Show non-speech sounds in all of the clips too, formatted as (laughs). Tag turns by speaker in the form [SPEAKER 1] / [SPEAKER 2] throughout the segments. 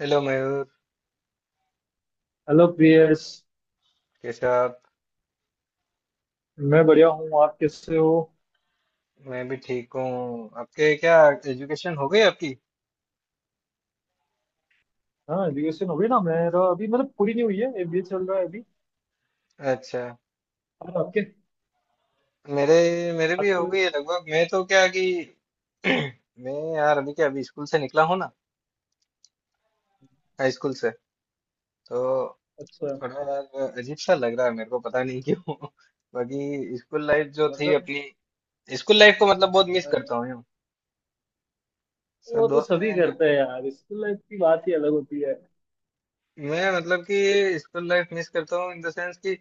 [SPEAKER 1] Hello Mayur.
[SPEAKER 2] Hello Priyas.
[SPEAKER 1] कैसे हो आप।
[SPEAKER 2] मैं बढ़िया हूँ, आप कैसे हो?
[SPEAKER 1] मैं भी ठीक हूँ। आपके क्या, एजुकेशन हो गई आपकी।
[SPEAKER 2] हाँ, एजुकेशन हो गई ना। मेरा अभी मतलब पूरी नहीं हुई है, एमबीए चल रहा है अभी।
[SPEAKER 1] अच्छा।
[SPEAKER 2] और आपके?
[SPEAKER 1] मेरे मेरे भी हो
[SPEAKER 2] आपके
[SPEAKER 1] गई है लगभग। मैं तो क्या कि (clears throat) मैं यार अभी क्या, अभी स्कूल से निकला हूँ ना, हाई स्कूल से। तो
[SPEAKER 2] अच्छा।
[SPEAKER 1] थोड़ा यार अजीब सा लग रहा है मेरे को, पता नहीं क्यों। (laughs) बाकी स्कूल लाइफ जो थी
[SPEAKER 2] मतलब
[SPEAKER 1] अपनी, स्कूल लाइफ को मतलब बहुत मिस
[SPEAKER 2] अ,
[SPEAKER 1] करता हूँ यूँ। सब
[SPEAKER 2] वो तो
[SPEAKER 1] दोस्त
[SPEAKER 2] सभी
[SPEAKER 1] हैं।
[SPEAKER 2] करते हैं यार, स्कूल लाइफ की बात ही अलग होती है।
[SPEAKER 1] मैं मतलब कि स्कूल लाइफ मिस करता हूँ इन द सेंस कि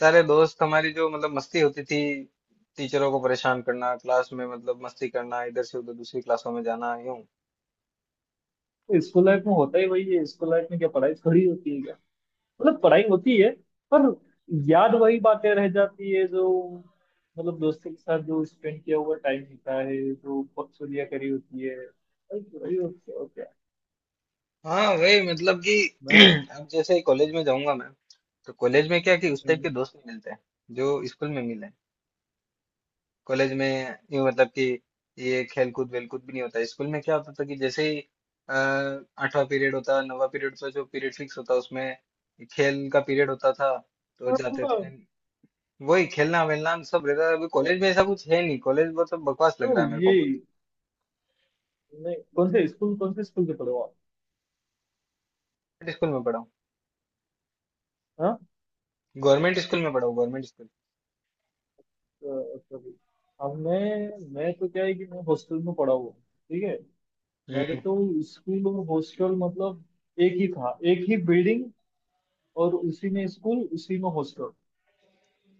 [SPEAKER 1] सारे दोस्त, हमारी जो मतलब मस्ती होती थी, टीचरों को परेशान करना क्लास में, मतलब मस्ती करना, इधर से उधर दूसरी क्लासों में जाना यूं।
[SPEAKER 2] स्कूल लाइफ में होता ही वही है, स्कूल लाइफ में क्या पढ़ाई थोड़ी होती है क्या? मतलब पढ़ाई होती है, पर याद वही बातें रह जाती है जो मतलब दोस्तों के साथ जो स्पेंड किया हुआ टाइम होता है, जो पक्सुलियाँ करी होती है, वही वही होती है और क्या।
[SPEAKER 1] हाँ, वही मतलब कि
[SPEAKER 2] मैं,
[SPEAKER 1] (clears throat) अब जैसे ही कॉलेज में जाऊंगा मैं, तो कॉलेज में क्या कि उस टाइप के दोस्त नहीं मिलते हैं, जो स्कूल में मिले। कॉलेज में यूं मतलब कि ये खेलकूद वेलकूद भी नहीं होता। स्कूल में क्या होता था कि जैसे ही अ, 8वां पीरियड होता, 9वां पीरियड होता, जो पीरियड फिक्स होता उसमें खेल का पीरियड होता था, तो जाते
[SPEAKER 2] हाँ,
[SPEAKER 1] थे। वही खेलना वेलना सब रहता था। अभी कॉलेज में ऐसा कुछ है नहीं, कॉलेज बहुत सब बकवास
[SPEAKER 2] तो
[SPEAKER 1] लग रहा है मेरे
[SPEAKER 2] ये
[SPEAKER 1] को, बहुत।
[SPEAKER 2] नहीं कौन से स्कूल, कौन से स्कूल से पढ़े हो आप?
[SPEAKER 1] स्कूल में पढ़ा हूँ,
[SPEAKER 2] हाँ।
[SPEAKER 1] गवर्नमेंट स्कूल में पढ़ा हूँ, गवर्नमेंट स्कूल।
[SPEAKER 2] अ, sorry. अब मैं तो क्या है कि मैं हॉस्टल में पढ़ा हुआ हूँ, ठीक है। मेरे
[SPEAKER 1] हम्म।
[SPEAKER 2] तो स्कूल और हॉस्टल मतलब एक ही था, एक ही बिल्डिंग और उसी में स्कूल उसी में हॉस्टल।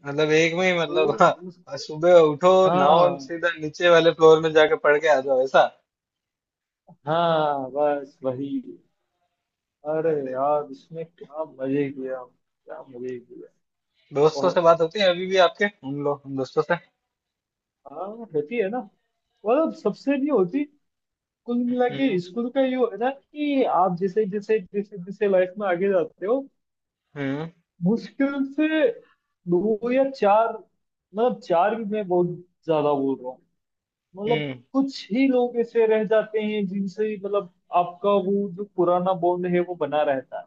[SPEAKER 1] मतलब एक में ही
[SPEAKER 2] तो
[SPEAKER 1] मतलब, हाँ,
[SPEAKER 2] उस
[SPEAKER 1] सुबह उठो नाओ
[SPEAKER 2] हाँ
[SPEAKER 1] सीधा नीचे वाले फ्लोर में जाके पढ़ के आ जाओ, ऐसा।
[SPEAKER 2] हाँ, बस वही। अरे
[SPEAKER 1] अरे,
[SPEAKER 2] यार, इसमें क्या मजे किया क्या मजे किया।
[SPEAKER 1] दोस्तों से
[SPEAKER 2] बहुत।
[SPEAKER 1] बात होती है अभी भी आपके उन दोस्तों से।
[SPEAKER 2] हाँ, होती है ना। मतलब सबसे नहीं होती। कुल मिला के
[SPEAKER 1] हम्म,
[SPEAKER 2] स्कूल का ये है ना कि आप जैसे जैसे लाइफ में आगे जाते हो,
[SPEAKER 1] हम्म,
[SPEAKER 2] मुश्किल से दो या चार, मतलब चार भी मैं बहुत ज्यादा बोल रहा हूँ। मतलब
[SPEAKER 1] हम्म।
[SPEAKER 2] कुछ ही लोग ऐसे रह जाते हैं जिनसे ही मतलब आपका वो जो पुराना बॉन्ड है वो बना रहता है,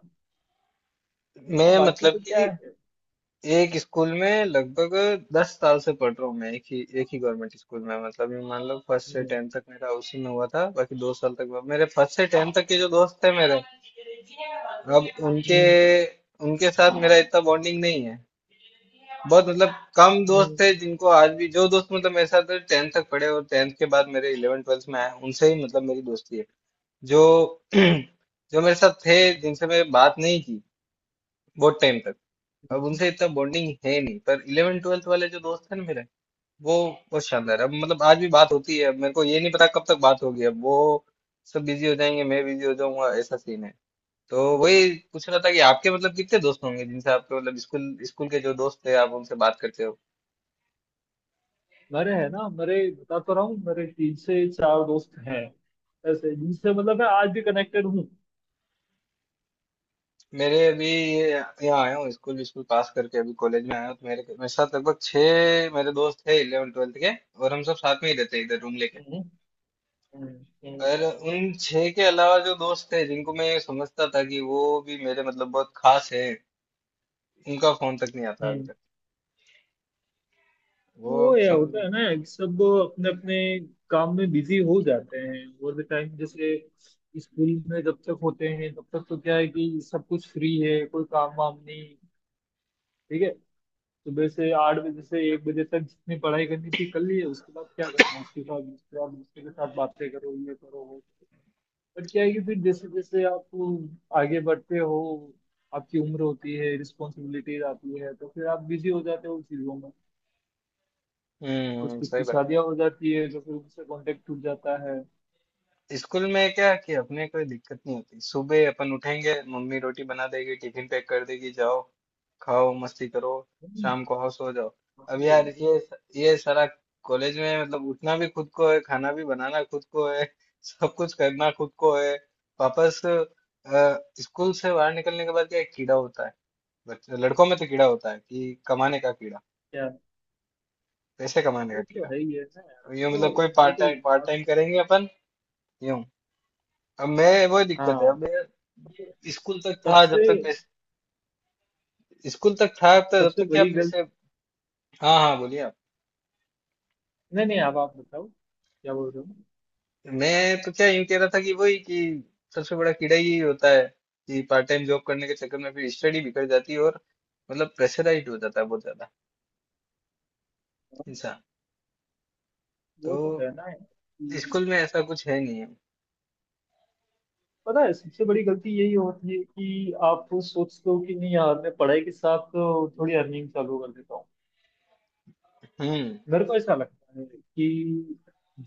[SPEAKER 1] मैं
[SPEAKER 2] बाकी
[SPEAKER 1] मतलब
[SPEAKER 2] तो क्या
[SPEAKER 1] कि
[SPEAKER 2] है।
[SPEAKER 1] एक स्कूल में लगभग 10 साल से पढ़ रहा हूँ मैं, एक ही गवर्नमेंट स्कूल में। मतलब ये मान लो फर्स्ट से
[SPEAKER 2] हम्म,
[SPEAKER 1] टेंथ तक मेरा उसी में हुआ था, बाकी 2 साल तक हुआ। मेरे फर्स्ट से टेंथ तक के जो दोस्त थे मेरे, अब उनके
[SPEAKER 2] हम्म,
[SPEAKER 1] उनके साथ मेरा इतना बॉन्डिंग नहीं है। बहुत मतलब कम दोस्त
[SPEAKER 2] हम्म,
[SPEAKER 1] थे जिनको आज भी, जो दोस्त मतलब मेरे साथ टेंथ तक पढ़े और टेंथ के बाद मेरे इलेवन ट्वेल्थ में आए, उनसे ही मतलब मेरी दोस्ती है। जो (clears throat) जो मेरे साथ थे जिनसे मैं बात नहीं की बहुत टाइम तक, अब उनसे इतना बॉन्डिंग है नहीं। पर इलेवन ट्वेल्थ वाले जो दोस्त हैं ना मेरे, वो बहुत शानदार है। अब मतलब आज भी बात होती है। अब मेरे को ये नहीं पता कब तक बात होगी, अब वो सब बिजी हो जाएंगे, मैं बिजी हो जाऊंगा, ऐसा सीन है। तो
[SPEAKER 2] हम्म।
[SPEAKER 1] वही पूछ रहा था कि आपके मतलब कितने दोस्त होंगे जिनसे आपके मतलब स्कूल स्कूल के जो दोस्त थे, आप उनसे बात करते हो।
[SPEAKER 2] मेरे है ना, मेरे बता तो रहा हूँ, मेरे 3 से 4 दोस्त हैं ऐसे जिनसे मतलब मैं आज भी कनेक्टेड हूँ।
[SPEAKER 1] मेरे अभी ये, यहाँ आया हूँ स्कूल स्कूल पास करके, अभी कॉलेज में आया हूँ। तो मेरे मेरे साथ लगभग छह मेरे दोस्त थे इलेवन ट्वेल्थ के, और हम सब साथ में ही रहते हैं इधर रूम लेके।
[SPEAKER 2] हम्म, हम्म,
[SPEAKER 1] और उन छह के अलावा जो दोस्त थे जिनको मैं ये समझता था कि वो भी मेरे मतलब बहुत खास है, उनका फोन तक नहीं आता अभी
[SPEAKER 2] हम्म।
[SPEAKER 1] तक। वो
[SPEAKER 2] वो
[SPEAKER 1] अब
[SPEAKER 2] या
[SPEAKER 1] समझ
[SPEAKER 2] होता
[SPEAKER 1] में।
[SPEAKER 2] है ना, सब अपने अपने काम में बिजी हो जाते हैं और द टाइम जैसे स्कूल में जब तक होते हैं तब तक तो क्या है कि सब कुछ फ्री है, कोई काम वाम नहीं। ठीक है, सुबह से 8 बजे से 1 बजे तक जितनी पढ़ाई करनी थी कर ली है, उसके बाद क्या करना, उसके बाद दोस्तों के साथ बातें करो, ये करो वो करो। पर क्या है कि फिर जैसे जैसे आप आगे बढ़ते हो, आपकी उम्र होती है, रिस्पॉन्सिबिलिटीज आती है, तो फिर आप बिजी हो जाते हो उन चीजों में।
[SPEAKER 1] हम्म,
[SPEAKER 2] कुछ कुछ
[SPEAKER 1] सही
[SPEAKER 2] की
[SPEAKER 1] बात है।
[SPEAKER 2] शादियां हो जाती है तो फिर उनसे कांटेक्ट टूट जाता है।
[SPEAKER 1] स्कूल में क्या है कि अपने कोई दिक्कत नहीं होती, सुबह अपन उठेंगे, मम्मी रोटी बना देगी, टिफिन पैक कर देगी, जाओ खाओ मस्ती करो,
[SPEAKER 2] हम्म,
[SPEAKER 1] शाम को आओ सो जाओ। अब
[SPEAKER 2] भाई,
[SPEAKER 1] यार ये सारा कॉलेज में मतलब, उठना भी खुद को है, खाना भी बनाना खुद को है, (laughs) सब कुछ करना खुद को है। वापस स्कूल से बाहर निकलने के बाद क्या एक कीड़ा होता है, बच्चे लड़कों में तो कीड़ा होता है कि कमाने का कीड़ा,
[SPEAKER 2] क्या,
[SPEAKER 1] पैसे कमाने का
[SPEAKER 2] वो तो
[SPEAKER 1] कीड़ा।
[SPEAKER 2] है ही है ना यार।
[SPEAKER 1] ये
[SPEAKER 2] तो
[SPEAKER 1] मतलब कोई पार्ट
[SPEAKER 2] देखो,
[SPEAKER 1] टाइम पार्ट
[SPEAKER 2] आप,
[SPEAKER 1] टाइम करेंगे अपन यूं। अब मैं वो दिक्कत है।
[SPEAKER 2] हाँ,
[SPEAKER 1] अब स्कूल तक था जब
[SPEAKER 2] सबसे
[SPEAKER 1] तक पैसे, स्कूल तक था तो जब
[SPEAKER 2] सबसे
[SPEAKER 1] तक क्या
[SPEAKER 2] बड़ी गलती,
[SPEAKER 1] पैसे। हाँ, हाँ, बोलिए आप।
[SPEAKER 2] नहीं नहीं, आप बताओ क्या बोल रहे हो।
[SPEAKER 1] मैं तो क्या यूं कह रहा था कि वही कि सबसे बड़ा कीड़ा यही होता है कि पार्ट टाइम जॉब करने के चक्कर में फिर स्टडी बिगड़ जाती है, और मतलब प्रेशराइज हो जाता है बहुत ज्यादा इंसान।
[SPEAKER 2] वो तो है
[SPEAKER 1] तो
[SPEAKER 2] ना यार कि
[SPEAKER 1] स्कूल में ऐसा कुछ है नहीं है।
[SPEAKER 2] पता है, सबसे बड़ी गलती यही होती है कि आप सोचते हो कि नहीं यार, मैं पढ़ाई के साथ तो थोड़ी अर्निंग चालू कर देता हूँ।
[SPEAKER 1] हम्म,
[SPEAKER 2] मेरे को ऐसा लगता है कि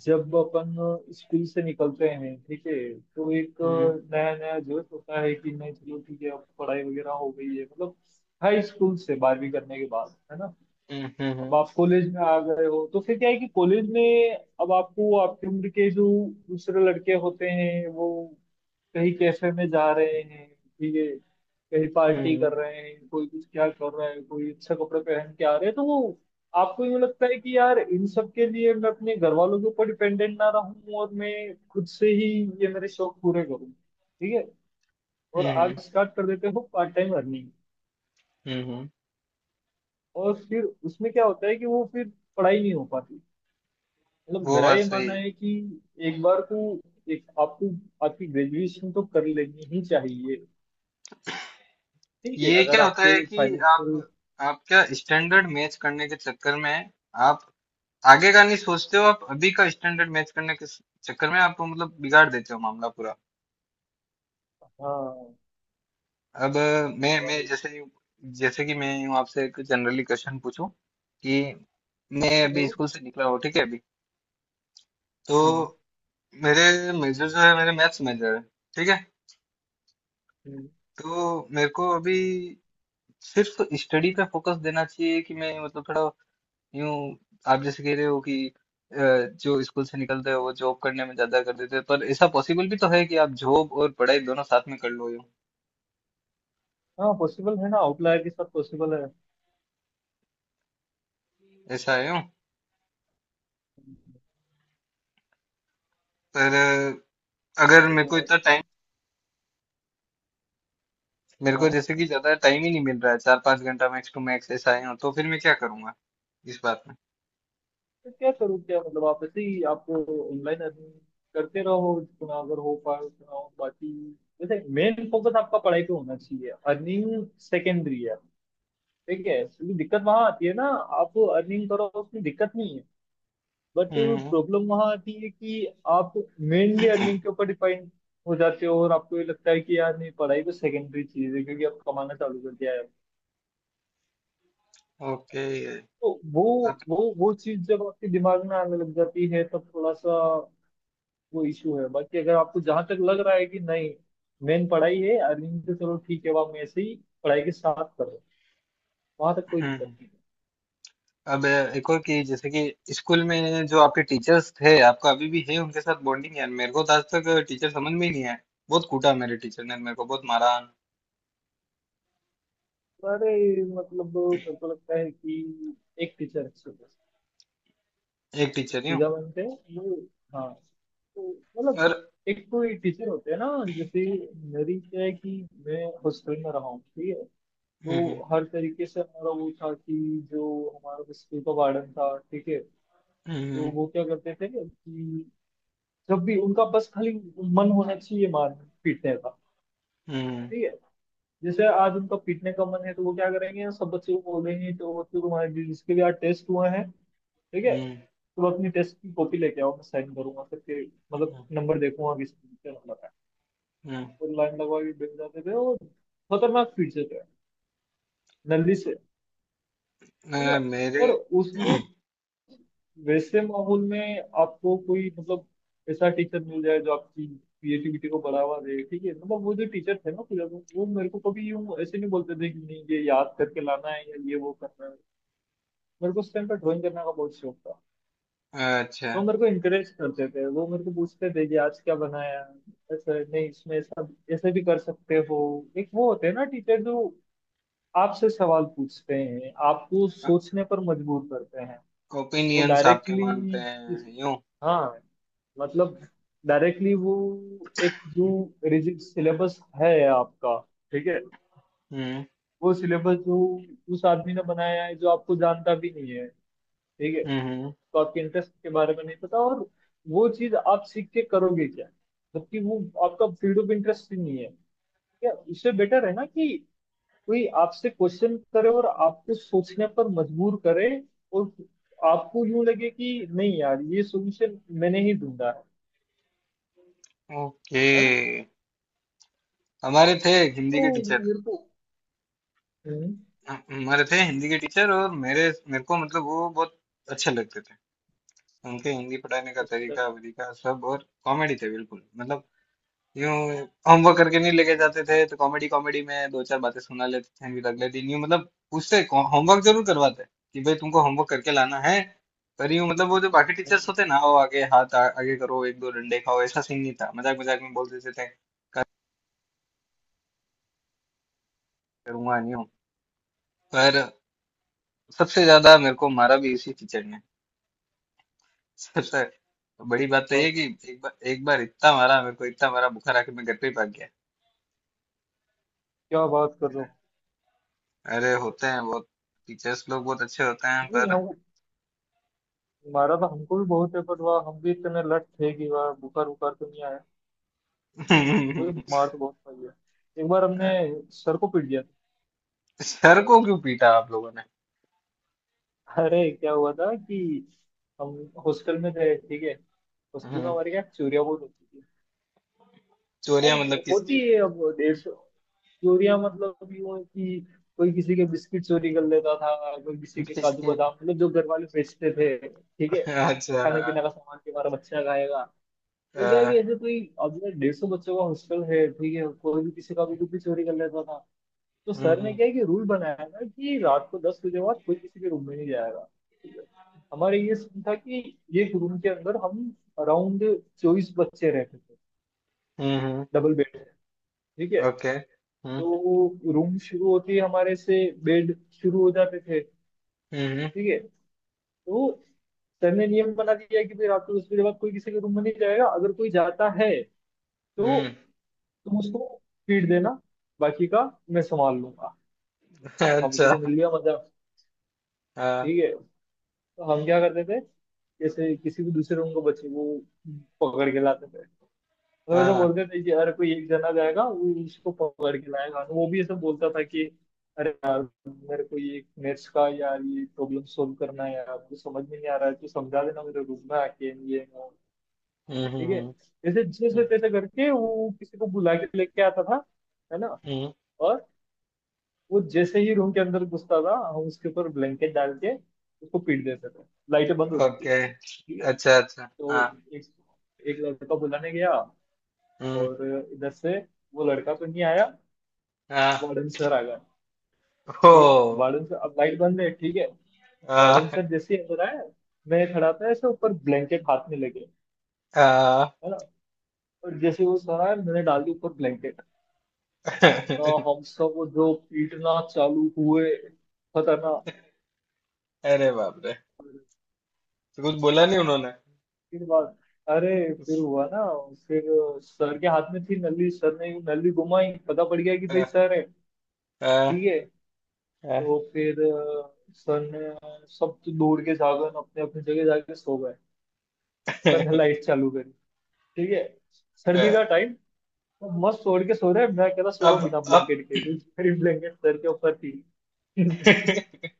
[SPEAKER 2] जब अपन स्कूल से निकलते हैं, ठीक है, तो एक
[SPEAKER 1] हम्म,
[SPEAKER 2] नया नया जोश होता है कि नहीं चलो ठीक है, अब पढ़ाई वगैरह हो गई है मतलब हाई स्कूल से बारहवीं करने के बाद है ना।
[SPEAKER 1] हम्म, हम्म,
[SPEAKER 2] अब
[SPEAKER 1] हम्म,
[SPEAKER 2] आप कॉलेज में आ गए हो तो फिर क्या है कि कॉलेज में अब आपको आपकी उम्र के जो दूसरे लड़के होते हैं वो कहीं कैफे में जा रहे हैं, ठीक है, कहीं पार्टी
[SPEAKER 1] हम्म,
[SPEAKER 2] कर रहे हैं, कोई कुछ क्या कर रहा है, कोई अच्छा कपड़े पहन के आ रहे हैं, तो वो आपको यूँ लगता है कि यार, इन सब के लिए मैं अपने घर वालों के ऊपर डिपेंडेंट ना रहूं और मैं खुद से ही ये मेरे शौक पूरे करूँ, ठीक है, और
[SPEAKER 1] हम्म,
[SPEAKER 2] आप स्टार्ट कर देते हो पार्ट टाइम अर्निंग।
[SPEAKER 1] हम्म, हम्म,
[SPEAKER 2] और फिर उसमें क्या होता है कि वो फिर पढ़ाई नहीं हो पाती। मतलब
[SPEAKER 1] वो
[SPEAKER 2] मेरा
[SPEAKER 1] बात
[SPEAKER 2] ये
[SPEAKER 1] सही
[SPEAKER 2] मानना
[SPEAKER 1] है।
[SPEAKER 2] है कि एक बार को, एक, आपको आपकी ग्रेजुएशन तो कर लेनी ही चाहिए, ठीक है,
[SPEAKER 1] ये
[SPEAKER 2] अगर
[SPEAKER 1] क्या होता है
[SPEAKER 2] आपके
[SPEAKER 1] कि
[SPEAKER 2] फाइनेंशियल।
[SPEAKER 1] आप क्या स्टैंडर्ड मैच करने के चक्कर में आप आगे का नहीं सोचते हो। आप अभी का स्टैंडर्ड मैच करने के चक्कर में आप मतलब बिगाड़ देते हो मामला पूरा।
[SPEAKER 2] हाँ,
[SPEAKER 1] अब मैं
[SPEAKER 2] वही,
[SPEAKER 1] जैसे, जैसे कि मैं हूँ आपसे एक जनरली क्वेश्चन पूछूं कि मैं अभी
[SPEAKER 2] तो,
[SPEAKER 1] स्कूल से निकला हूँ ठीक है, अभी। तो
[SPEAKER 2] हम्म,
[SPEAKER 1] मेरे मेजर जो है, मेरे मैथ्स मेजर है ठीक है।
[SPEAKER 2] हम्म,
[SPEAKER 1] तो मेरे को अभी सिर्फ स्टडी पे फोकस देना चाहिए कि मैं मतलब थोड़ा यूं, आप जैसे कह रहे हो कि अ, जो स्कूल से निकलते हो वो जॉब करने में ज्यादा कर देते हो, पर ऐसा पॉसिबल भी तो है कि आप जॉब और पढ़ाई दोनों साथ में कर लो यूं।
[SPEAKER 2] हाँ, पॉसिबल है ना, आउटलायर के साथ पॉसिबल है।
[SPEAKER 1] ऐसा है यूं, पर अगर मेरे को
[SPEAKER 2] और,
[SPEAKER 1] इतना टाइम, मेरे को
[SPEAKER 2] हाँ,
[SPEAKER 1] जैसे कि ज्यादा टाइम ही नहीं मिल रहा है, 4-5 घंटा मैक्स टू मैक्स ऐसा है यूं, तो फिर मैं क्या करूंगा इस बात में।
[SPEAKER 2] तो क्या करूँ क्या? मतलब आप ऐसे ही, आपको ऑनलाइन अर्निंग करते रहो, जितना अगर हो पाए उतना हो, बाकी जैसे मेन फोकस आपका पढ़ाई पे होना चाहिए, अर्निंग सेकेंडरी है। ठीक है, क्योंकि दिक्कत वहां आती है ना, आप अर्निंग करो उसमें दिक्कत नहीं है, बट
[SPEAKER 1] हम्म।
[SPEAKER 2] प्रॉब्लम वहां आती है कि आप मेनली अर्निंग के ऊपर डिपेंड हो जाते हो और आपको ये लगता है कि यार नहीं, पढ़ाई तो सेकेंडरी चीज है क्योंकि आप कमाना चालू कर दिया है।
[SPEAKER 1] ओके।
[SPEAKER 2] तो वो
[SPEAKER 1] आप।
[SPEAKER 2] वो वो चीज जब आपके दिमाग में आने लग जाती है तब थोड़ा सा वो इशू है, बाकी अगर आपको जहां तक लग रहा है कि नहीं, मेन पढ़ाई है, अर्निंग तो चलो ठीक है, वो आप ऐसे ही पढ़ाई के साथ करो, वहां तक कोई
[SPEAKER 1] हम्म,
[SPEAKER 2] दिक्कत नहीं।
[SPEAKER 1] अब एक और कि जैसे कि स्कूल में जो आपके टीचर्स थे, आपका अभी भी है उनके साथ बॉन्डिंग? यार मेरे को तो आज तक टीचर समझ में ही नहीं आए। बहुत कूटा मेरे टीचर ने, मेरे को बहुत मारा।
[SPEAKER 2] अरे मतलब मेरे को लगता है कि एक टीचर अच्छी थी,
[SPEAKER 1] एक टीचर ही हूँ
[SPEAKER 2] पूजा बनते हैं वो, हाँ। तो मतलब
[SPEAKER 1] और।
[SPEAKER 2] एक कोई टीचर होते हैं ना जैसे, मेरी क्या है कि मैं हॉस्टल में रहा हूँ, ठीक है,
[SPEAKER 1] हम्म,
[SPEAKER 2] तो हर तरीके से हमारा वो था कि जो हमारा स्कूल का वार्डन था, ठीक है, तो
[SPEAKER 1] हम्म,
[SPEAKER 2] वो क्या करते थे कि जब भी उनका बस खाली मन होना चाहिए मार पीटने का,
[SPEAKER 1] हम्म, हम्म,
[SPEAKER 2] ठीक है। जैसे आज उनका पीटने का मन है तो वो क्या करेंगे, सब बच्चों को बोलेंगे तो बच्चों, तुम्हारे जिसके भी आज टेस्ट हुआ है, ठीक है,
[SPEAKER 1] हम्म,
[SPEAKER 2] तुम तो अपनी टेस्ट की कॉपी लेके आओ, मैं साइन करूंगा सबके, मतलब
[SPEAKER 1] हम्म,
[SPEAKER 2] नंबर देखूंगा किस क्या नंबर है।
[SPEAKER 1] हम्म,
[SPEAKER 2] और लाइन लगवा के बैठ जाते थे और खतरनाक स्पीड से थे नल्ली से, ठीक है।
[SPEAKER 1] मेरे
[SPEAKER 2] और उस
[SPEAKER 1] (clears throat)
[SPEAKER 2] वैसे माहौल में आपको कोई मतलब ऐसा टीचर मिल जाए जो आपकी क्रिएटिविटी को बढ़ावा दे, ठीक है। मतलब वो जो टीचर थे ना पूजा को, वो मेरे को कभी यूं ऐसे नहीं बोलते थे कि नहीं ये याद करके लाना है या ये वो करना है। मेरे को उस टाइम पर ड्राइंग करने का बहुत शौक था।
[SPEAKER 1] अच्छा।
[SPEAKER 2] वो मेरे को इंकरेज करते थे, वो मेरे को पूछते थे कि आज क्या बनाया, ऐसा नहीं, इसमें ऐसा, ऐसे भी कर सकते हो। एक वो होते हैं ना टीचर जो आपसे सवाल पूछते हैं, आपको सोचने पर मजबूर करते हैं। वो
[SPEAKER 1] ओपिनियंस आपके
[SPEAKER 2] डायरेक्टली
[SPEAKER 1] मानते
[SPEAKER 2] इस,
[SPEAKER 1] हैं यूं।
[SPEAKER 2] हाँ, मतलब डायरेक्टली वो एक जो रिजिड सिलेबस है आपका, ठीक है,
[SPEAKER 1] हम्म,
[SPEAKER 2] वो सिलेबस जो उस आदमी ने बनाया है जो आपको जानता भी नहीं है, ठीक है,
[SPEAKER 1] हम्म,
[SPEAKER 2] तो आपके इंटरेस्ट के बारे में नहीं पता, और वो चीज आप सीख के करोगे क्या, जबकि वो आपका फील्ड ऑफ इंटरेस्ट ही नहीं है। या उससे बेटर है ना कि कोई आपसे क्वेश्चन करे और आपको सोचने पर मजबूर करे, और आपको यूं लगे कि नहीं यार, ये सॉल्यूशन मैंने ही ढूंढा है
[SPEAKER 1] ओके।
[SPEAKER 2] है ना।
[SPEAKER 1] हमारे थे एक हिंदी
[SPEAKER 2] तो
[SPEAKER 1] के टीचर
[SPEAKER 2] मेरे को, हम्म,
[SPEAKER 1] हमारे थे हिंदी के टीचर, और मेरे मेरे को मतलब वो बहुत अच्छे लगते थे। उनके हिंदी पढ़ाने का
[SPEAKER 2] अच्छा,
[SPEAKER 1] तरीका वरीका सब, और कॉमेडी थे बिल्कुल मतलब यूं। होमवर्क करके नहीं लेके जाते थे, तो कॉमेडी कॉमेडी में दो चार बातें सुना लेते थे, फिर अगले दिन यूं मतलब उससे होमवर्क जरूर करवाते कि भाई तुमको होमवर्क करके लाना है। पर यूं मतलब वो जो बाकी टीचर्स
[SPEAKER 2] हम्म,
[SPEAKER 1] होते ना, वो आगे हाथ आगे करो एक दो डंडे खाओ ऐसा सीन नहीं था, मजाक मजाक में बोल देते थे करूंगा नहीं हूं। पर सबसे ज्यादा मेरे को मारा भी इसी टीचर ने। सबसे बड़ी बात तो ये
[SPEAKER 2] अब
[SPEAKER 1] कि एक बार इतना मारा मेरे को, इतना मारा बुखार आके मैं घर पे ही भाग
[SPEAKER 2] क्या बात कर रहे हो।
[SPEAKER 1] गया। अरे होते हैं बहुत, टीचर्स लोग बहुत अच्छे होते हैं
[SPEAKER 2] नहीं
[SPEAKER 1] पर।
[SPEAKER 2] हम, हमारा तो हमको भी बहुत है, पर वाह हम भी इतने लट थे कि वाह, बुखार बुखार तो नहीं आया, मुझे मार तो बहुत पड़ी है। एक बार हमने
[SPEAKER 1] (laughs)
[SPEAKER 2] सर को पीट दिया
[SPEAKER 1] सर को क्यों पीटा आप लोगों ने?
[SPEAKER 2] था। अरे क्या हुआ था कि हम हॉस्टल में थे, ठीक है, हॉस्टल में
[SPEAKER 1] हम्म,
[SPEAKER 2] हमारे क्या चोरियां बहुत होती थी,
[SPEAKER 1] चोरियां
[SPEAKER 2] अब
[SPEAKER 1] मतलब
[SPEAKER 2] होती
[SPEAKER 1] किसकी?
[SPEAKER 2] है। अब 150, चोरियां मतलब यूं है कि कोई किसी के बिस्किट चोरी कर लेता था, कोई किसी के काजू
[SPEAKER 1] किसकी?
[SPEAKER 2] बादाम, मतलब जो घर वाले बेचते थे, ठीक है,
[SPEAKER 1] अच्छा।
[SPEAKER 2] खाने पीने का सामान के हमारा बच्चा खाएगा। तो क्या है कि
[SPEAKER 1] अ,
[SPEAKER 2] ऐसे कोई, अब 150 बच्चों का हॉस्टल है, ठीक है, कोई भी किसी का भी कुछ भी चोरी कर लेता था। तो सर ने
[SPEAKER 1] हम्म,
[SPEAKER 2] क्या है कि रूल बनाया था कि रात को 10 बजे बाद कोई किसी के रूम में नहीं जाएगा, ठीक है। हमारे ये सीन था कि एक रूम के अंदर हम अराउंड 24 बच्चे रहते थे,
[SPEAKER 1] हम्म, हम्म।
[SPEAKER 2] डबल बेड है, ठीक है,
[SPEAKER 1] ओके। हम्म,
[SPEAKER 2] तो रूम शुरू होते ही हमारे से बेड शुरू हो जाते थे,
[SPEAKER 1] हम्म,
[SPEAKER 2] ठीक है। तो सर ने नियम बना दिया कि भाई रात को दस बजे बाद कोई किसी के रूम में नहीं जाएगा, अगर कोई जाता है तो
[SPEAKER 1] हम्म।
[SPEAKER 2] तुम उसको फीड देना, बाकी का मैं संभाल लूंगा। हमको
[SPEAKER 1] अच्छा,
[SPEAKER 2] तो मिल गया मजा,
[SPEAKER 1] हाँ,
[SPEAKER 2] ठीक है। तो हम क्या करते थे, जैसे किसी भी दूसरे रूम को बच्चे को पकड़ के लाते थे, तो ऐसा
[SPEAKER 1] हाँ।
[SPEAKER 2] बोलते थे कि यार कोई एक जना जाएगा वो उसको पकड़ के लाएगा, वो भी ऐसा बोलता था कि अरे यार, मेरे को ये मैथ्स का यार ये प्रॉब्लम सोल्व करना है यार, मुझे समझ में नहीं आ रहा है, तो समझा देना मेरे रूम में आके ये वो।
[SPEAKER 1] हम्म, हम्म,
[SPEAKER 2] ठीक है,
[SPEAKER 1] हम्म,
[SPEAKER 2] जैसे जैसे तैसे करके वो किसी को बुला के लेके आता था, है ना।
[SPEAKER 1] हम्म।
[SPEAKER 2] और वो जैसे ही रूम के अंदर घुसता था हम उसके ऊपर ब्लैंकेट डाल के उसको पीट देते थे, लाइटें बंद होती थी,
[SPEAKER 1] ओके।
[SPEAKER 2] ठीक है।
[SPEAKER 1] अच्छा, अच्छा, हाँ।
[SPEAKER 2] तो एक, एक लड़का बुलाने गया
[SPEAKER 1] हम्म,
[SPEAKER 2] और इधर से वो लड़का तो नहीं आया,
[SPEAKER 1] हाँ,
[SPEAKER 2] वार्डन सर आ गया, ठीक है।
[SPEAKER 1] हो,
[SPEAKER 2] वार्डन सर, अब लाइट बंद है, ठीक है, वार्डन
[SPEAKER 1] आ,
[SPEAKER 2] सर जैसे ही अंदर आया, मैं खड़ा था ऐसे ऊपर ब्लैंकेट हाथ में लेके,
[SPEAKER 1] आ।
[SPEAKER 2] है ना, और जैसे वो सर आया मैंने डाल दी ऊपर ब्लैंकेट, ना
[SPEAKER 1] (laughs)
[SPEAKER 2] हम सब वो जो पीटना चालू हुए, खतरनाक।
[SPEAKER 1] अरे बाप रे। तो कुछ बोला नहीं उन्होंने?
[SPEAKER 2] फिर बाद, अरे फिर हुआ ना, फिर सर के हाथ में थी नली, सर ने नली घुमाई, पता पड़ गया कि भाई
[SPEAKER 1] आ,
[SPEAKER 2] सर है,
[SPEAKER 1] आ,
[SPEAKER 2] ठीक है।
[SPEAKER 1] हाँ।
[SPEAKER 2] तो फिर सन, सब तो दूर के जागन अपने अपनी जगह जाके सो गए, सन लाइट चालू करी, ठीक है। सर्दी का
[SPEAKER 1] (laughs)
[SPEAKER 2] टाइम, तो मस्त ओढ़ के सो रहे हैं, मैं कह रहा सो रहा
[SPEAKER 1] अब
[SPEAKER 2] हूँ बिना
[SPEAKER 1] अब
[SPEAKER 2] ब्लैंकेट के, क्योंकि मेरी ब्लैंकेट सर के ऊपर थी। (laughs)
[SPEAKER 1] (laughs)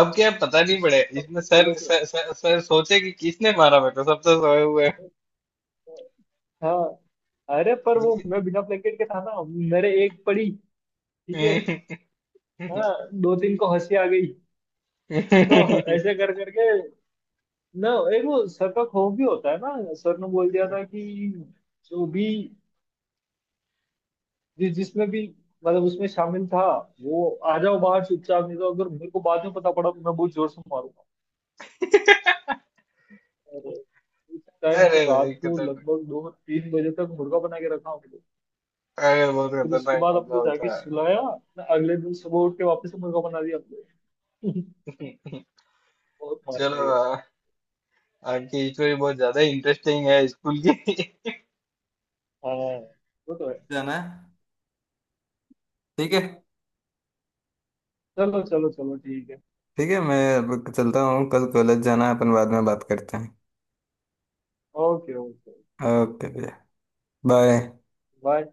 [SPEAKER 1] अब क्या पता नहीं पड़े
[SPEAKER 2] तब
[SPEAKER 1] इसमें,
[SPEAKER 2] तो
[SPEAKER 1] सर,
[SPEAKER 2] चलो, तो
[SPEAKER 1] सर, सर, सर सोचे कि किसने मारा मेरे को, सब तो सोए हुए हैं।
[SPEAKER 2] हाँ, अरे पर वो मैं बिना ब्लैंकेट के था ना, मेरे एक पड़ी, ठीक है। हाँ,
[SPEAKER 1] (laughs)
[SPEAKER 2] दो तीन को हंसी आ गई, तो ऐसे कर करके ना। एक वो सर का खौफ भी होता है ना, सर ने बोल दिया था कि जो भी जिसमें भी मतलब उसमें शामिल था, वो आ जाओ बाहर चुपचाप, नहीं तो अगर मेरे को बाद में पता पड़ा तो मैं बहुत जोर से मारूंगा। और उस टाइम से
[SPEAKER 1] अरे भाई
[SPEAKER 2] रात को
[SPEAKER 1] खतरनाक,
[SPEAKER 2] लगभग 2-3 बजे तक मुर्गा बना के रखा हमको।
[SPEAKER 1] अरे बहुत
[SPEAKER 2] तो फिर उसके
[SPEAKER 1] खतरनाक
[SPEAKER 2] बाद
[SPEAKER 1] मामला
[SPEAKER 2] हमको जाके
[SPEAKER 1] होता
[SPEAKER 2] सुलाया, मैं अगले दिन सुबह उठ के वापस से मुर्गा बना दिया हमको। (laughs)
[SPEAKER 1] है।
[SPEAKER 2] बहुत
[SPEAKER 1] (laughs)
[SPEAKER 2] मार खाई बस।
[SPEAKER 1] चलो, आज की स्टोरी बहुत ज्यादा इंटरेस्टिंग है स्कूल की।
[SPEAKER 2] हाँ, वो तो है।
[SPEAKER 1] जाना है। ठीक है।
[SPEAKER 2] चलो चलो चलो ठीक है।
[SPEAKER 1] ठीक है, मैं अब चलता हूँ, कल कॉलेज जाना है, अपन बाद में बात करते हैं।
[SPEAKER 2] ओके ओके,
[SPEAKER 1] ओके भैया, बाय।
[SPEAKER 2] बाय।